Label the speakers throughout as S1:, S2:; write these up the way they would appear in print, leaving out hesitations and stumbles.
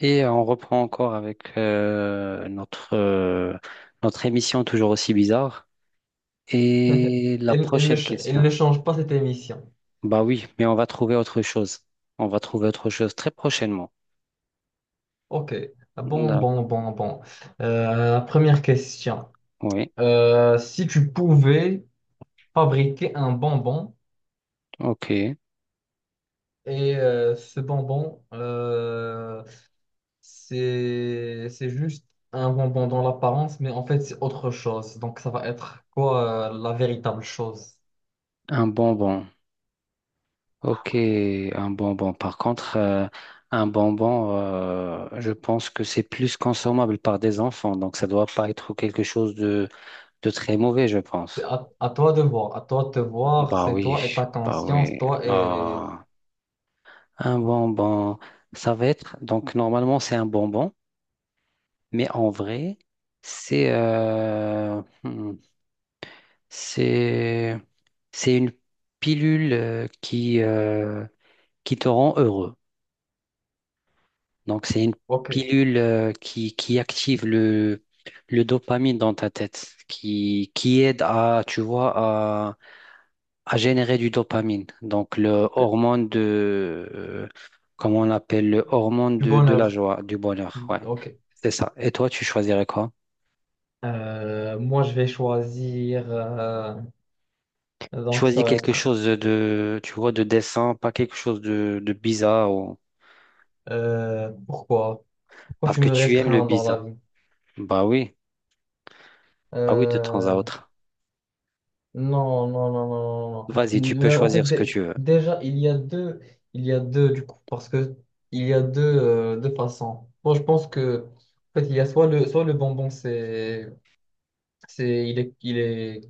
S1: Et on reprend encore avec notre, notre émission toujours aussi bizarre. Et la
S2: Il, il ne,
S1: prochaine
S2: ch- il
S1: question.
S2: ne change pas cette émission.
S1: Bah oui, mais on va trouver autre chose. On va trouver autre chose très prochainement.
S2: Ok. Ah bon, bon,
S1: D'accord.
S2: bon, bon. Première question.
S1: Oui.
S2: Si tu pouvais fabriquer un bonbon
S1: OK.
S2: et ce bonbon, c'est juste un bonbon dans l'apparence, mais en fait, c'est autre chose. Donc, ça va être quoi, la véritable chose?
S1: Un bonbon. OK. Un bonbon. Par contre, un bonbon, je pense que c'est plus consommable par des enfants. Donc, ça doit pas être quelque chose de très mauvais, je
S2: C'est
S1: pense.
S2: à toi de voir. À toi de te voir.
S1: Bah
S2: C'est
S1: oui.
S2: toi et ta
S1: Bah
S2: conscience.
S1: oui.
S2: Toi et...
S1: Ah. Un bonbon, ça va être, donc normalement c'est un bonbon, mais en vrai, c'est c'est c'est une pilule qui te rend heureux. Donc c'est une
S2: Ok.
S1: pilule qui active le dopamine dans ta tête, qui aide à, tu vois, à générer du dopamine, donc le
S2: Ok.
S1: hormone de, comment on l'appelle, le hormone
S2: Du
S1: de la
S2: bonheur.
S1: joie, du bonheur, ouais,
S2: Ok.
S1: c'est ça. Et toi, tu choisirais quoi?
S2: Moi, je vais choisir. Donc, ça
S1: Choisis
S2: va
S1: quelque
S2: être.
S1: chose de, tu vois, de décent, pas quelque chose de bizarre, ou...
S2: Pourquoi? Pourquoi
S1: parce
S2: je
S1: que
S2: me
S1: tu aimes le
S2: restreins dans la
S1: bizarre.
S2: vie?
S1: Bah oui, bah oui, de temps à
S2: Euh,
S1: autre.
S2: non, non, non, non, non, non.
S1: Vas-y, tu peux
S2: Mais en fait,
S1: choisir ce que tu veux.
S2: déjà, il y a deux. Il y a deux, du coup, parce que il y a deux, deux façons. Moi, je pense que. En fait, il y a soit le bonbon, c'est, il est,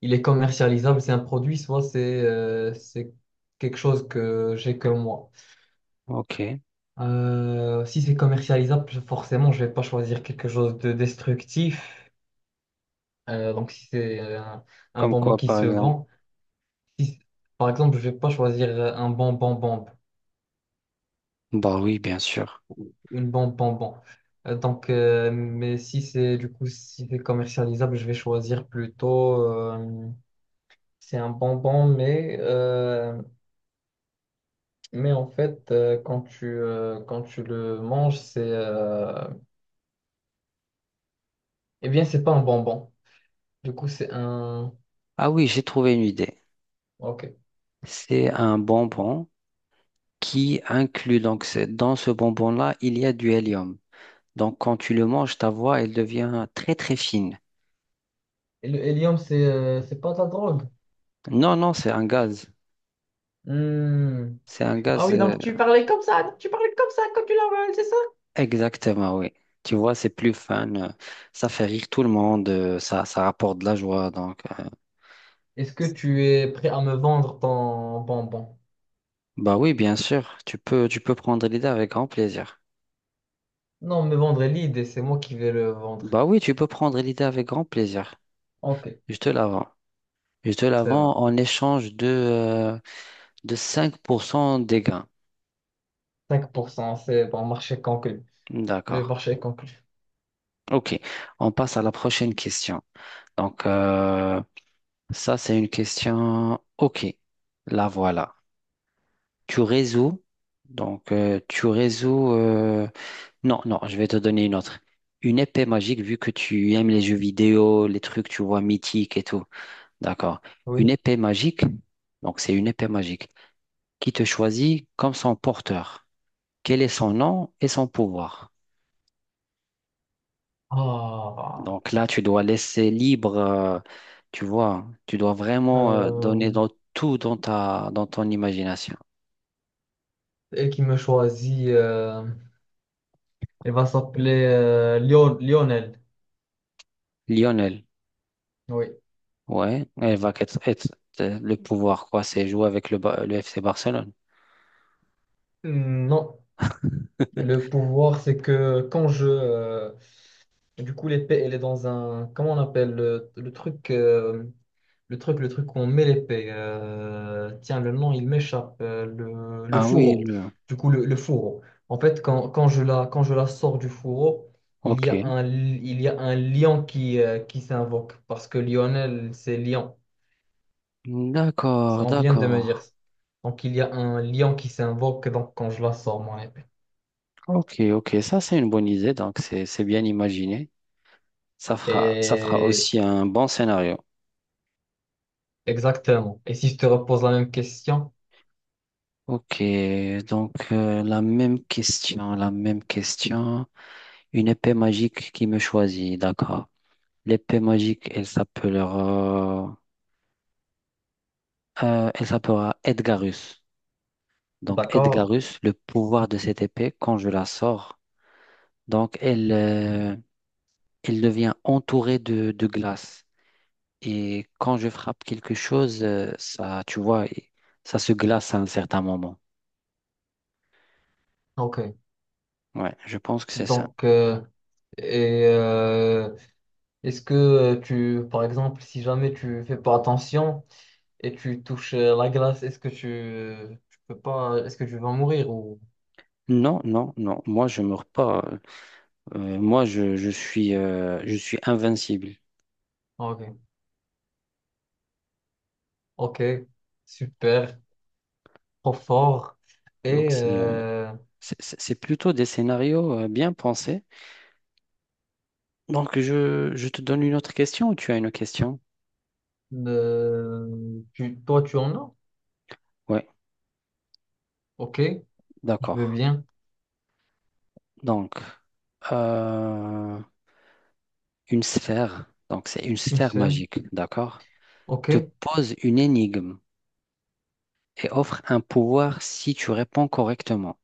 S2: il est commercialisable, c'est un produit, soit c'est quelque chose que j'ai que moi.
S1: Ok,
S2: Si c'est commercialisable, forcément, je vais pas choisir quelque chose de destructif. Donc, si c'est un
S1: comme
S2: bonbon
S1: quoi,
S2: qui
S1: par
S2: se
S1: exemple?
S2: vend, si- par exemple, je vais pas choisir un bonbon bombe,
S1: Bah oui, bien sûr.
S2: une bombe bonbon. Donc, mais si c'est du coup, si c'est commercialisable, je vais choisir plutôt. euh, c'est un bonbon, mais en fait, quand tu le manges, c'est eh bien, c'est pas un bonbon. Du coup, c'est un
S1: Ah oui, j'ai trouvé une idée.
S2: Ok.
S1: C'est un bonbon qui inclut, donc c'est- dans ce bonbon-là, il y a du hélium. Donc quand tu le manges, ta voix, elle devient très très fine.
S2: Et le hélium, c'est pas de la drogue.
S1: Non, non, c'est un gaz.
S2: Hmm.
S1: C'est un
S2: Ah
S1: gaz,
S2: oui, donc tu parlais comme ça, tu parlais comme ça quand tu l'avales, c'est ça?
S1: exactement, oui. Tu vois, c'est plus fun. Ça fait rire tout le monde. Ça, ça rapporte de la joie. Donc,
S2: Est-ce que tu es prêt à me vendre ton bonbon?
S1: bah oui, bien sûr. Tu peux prendre l'idée avec grand plaisir.
S2: Non, me vendre est l'idée, c'est moi qui vais le vendre.
S1: Bah oui, tu peux prendre l'idée avec grand plaisir.
S2: Ok,
S1: Je te la vends. Je te la
S2: c'est bon.
S1: vends en échange de 5% des gains.
S2: 5%, c'est bon, marché conclu. Le
S1: D'accord.
S2: marché est conclu.
S1: Ok, on passe à la prochaine question. Donc, ça, c'est une question. Ok, la voilà. Tu résous. Donc, tu résous. Non, non, je vais te donner une autre. Une épée magique, vu que tu aimes les jeux vidéo, les trucs, tu vois, mythiques et tout. D'accord.
S2: Oui.
S1: Une épée magique. Donc, c'est une épée magique qui te choisit comme son porteur. Quel est son nom et son pouvoir?
S2: Ah,
S1: Donc là, tu dois laisser libre, tu vois, tu dois vraiment
S2: euh,
S1: donner dans tout dans ta, dans ton imagination.
S2: elle qui me choisit, elle va s'appeler Lionel.
S1: Lionel,
S2: Oui.
S1: ouais, elle va être, le pouvoir, quoi, c'est jouer avec le, le FC Barcelone.
S2: Hmm, non, le pouvoir, c'est que quand je, du coup, l'épée, elle est dans un... Comment on appelle le, le truc, le truc où on met l'épée. Tiens, le nom, il m'échappe. Le
S1: Ah oui,
S2: fourreau.
S1: le...
S2: Du coup, le fourreau. En fait, quand je la, quand je la sors du fourreau, il y
S1: Ok.
S2: a un, il y a un lion qui s'invoque. Parce que Lionel, c'est lion.
S1: D'accord,
S2: On vient de me dire
S1: d'accord.
S2: ça. Donc, il y a un lion qui s'invoque donc, quand je la sors, mon épée.
S1: Ok, ok, ça c'est une bonne idée, donc c'est bien imaginé. Ça fera
S2: Et...
S1: aussi un bon scénario.
S2: Exactement. Et si je te repose la même question,
S1: Ok, donc la même question, la même question. Une épée magique qui me choisit, d'accord. L'épée magique, elle s'appellera Edgarus. Donc
S2: d'accord?
S1: Edgarus, le pouvoir de cette épée, quand je la sors, donc elle, elle devient entourée de glace. Et quand je frappe quelque chose, ça, tu vois, et- ça se glace à un certain moment.
S2: Ok.
S1: Ouais, je pense que c'est ça.
S2: Donc, et est-ce que tu, par exemple, si jamais tu fais pas attention et tu touches la glace, est-ce que tu peux pas, est-ce que tu vas mourir ou...
S1: Non, non, non. Moi, je meurs pas. Moi, je suis invincible.
S2: Ok, ok, super, trop fort.
S1: Donc
S2: Et
S1: c'est
S2: euh,
S1: C'est plutôt des scénarios bien pensés. Donc, je te donne une autre question ou tu as une question?
S2: Tu, toi, tu en as?
S1: Oui,
S2: Ok, je
S1: d'accord.
S2: veux bien,
S1: Donc, euh, une sphère, donc c'est une
S2: une
S1: sphère
S2: seule.
S1: magique, d'accord?
S2: Ok,
S1: Te pose une énigme et offre un pouvoir si tu réponds correctement.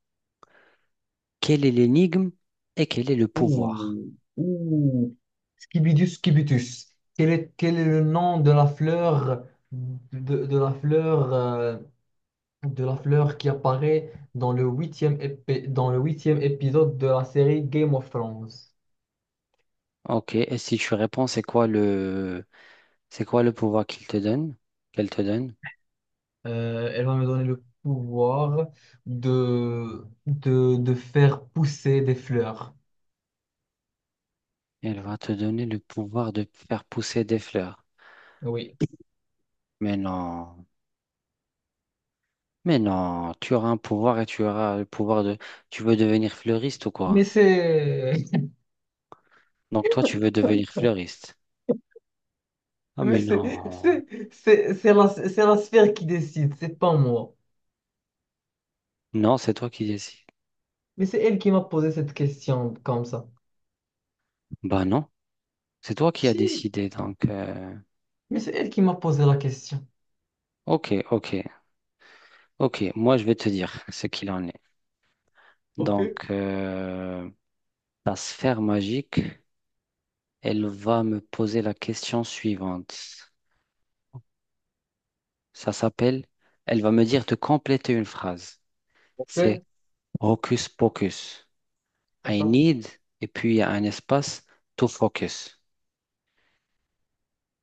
S1: Quelle est l'énigme et quel est le pouvoir?
S2: ouh, ouh. Scibidus cubitus. Quel est le nom de la fleur de, de la fleur qui apparaît dans le huitième dans le huitième épisode de la série Game of Thrones?
S1: Ok, et si tu réponds, c'est quoi le pouvoir qu'il te donne? Qu'elle te donne?
S2: Elle va me donner le pouvoir de faire pousser des fleurs.
S1: Elle va te donner le pouvoir de faire pousser des fleurs.
S2: Oui.
S1: Mais non, mais non, tu auras un pouvoir et tu auras le pouvoir de... Tu veux devenir fleuriste ou
S2: Mais
S1: quoi?
S2: c'est
S1: Donc toi, tu veux devenir fleuriste. Ah
S2: mais
S1: mais non,
S2: c'est la sphère qui décide, c'est pas moi.
S1: non, c'est toi qui décides.
S2: Mais c'est elle qui m'a posé cette question comme ça.
S1: Bah non, c'est toi qui as
S2: Si,
S1: décidé. Donc,
S2: mais c'est elle qui m'a posé la question.
S1: ok, ok, ok, moi je vais te dire ce qu'il en est.
S2: Ok.
S1: Donc, ta sphère magique, elle va me poser la question suivante. Ça s'appelle, elle va me dire de compléter une phrase. C'est
S2: Ok,
S1: hocus pocus. I
S2: d'accord.
S1: need, et puis il y a un espace, to focus.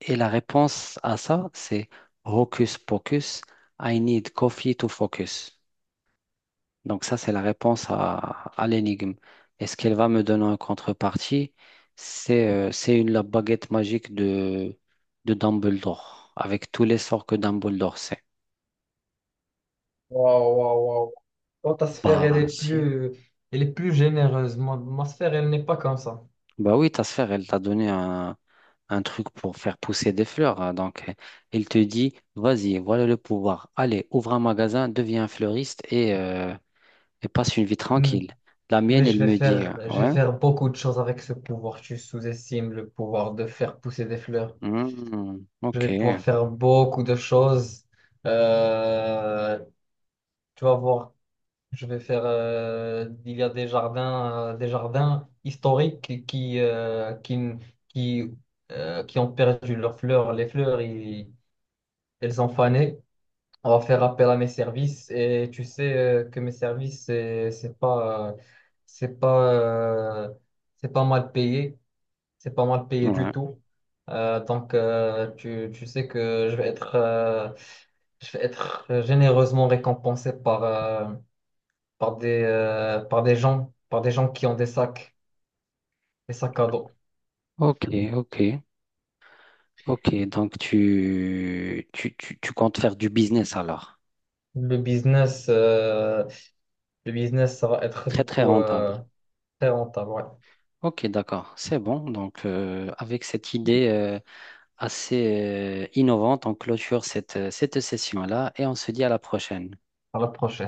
S1: Et la réponse à ça, c'est hocus pocus, I need coffee to focus. Donc ça, c'est la réponse à l'énigme. Et ce qu'elle va me donner en contrepartie, c'est une la baguette magique de Dumbledore, avec tous les sorts que Dumbledore sait.
S2: Waouh, waouh, waouh. Toi, ta sphère,
S1: Bah, si.
S2: elle est plus généreuse. Moi, ma sphère, elle n'est pas comme ça.
S1: Bah oui, ta sphère, elle t'a donné un truc pour faire pousser des fleurs. Hein. Donc, elle te dit, vas-y, voilà le pouvoir. Allez, ouvre un magasin, deviens un fleuriste et passe une vie
S2: Hmm.
S1: tranquille. La
S2: Mais
S1: mienne, elle me dit,
S2: je vais faire beaucoup de choses avec ce pouvoir. Tu sous-estimes le pouvoir de faire pousser des fleurs.
S1: hmm,
S2: Je
S1: ok,
S2: vais
S1: ouais,
S2: pouvoir faire beaucoup de choses. Euh, Tu vas voir. Je vais faire. Il y a des jardins historiques qui, qui ont perdu leurs fleurs. Les fleurs, elles ont fané. On va faire appel à mes services et tu sais que mes services, c'est pas, euh, c'est pas mal payé. C'est pas mal payé du tout. Tu, tu sais que je vais être généreusement récompensé par, par des gens qui ont des sacs à dos.
S1: ok, ok, ok. Donc, tu comptes faire du business alors.
S2: Le business, euh, le business, ça va être du
S1: Très, très
S2: coup
S1: rentable.
S2: très rentable, ouais,
S1: Ok, d'accord, c'est bon. Donc, avec cette idée... assez innovante. On clôture cette, cette session-là et on se dit à la prochaine.
S2: à l'approche.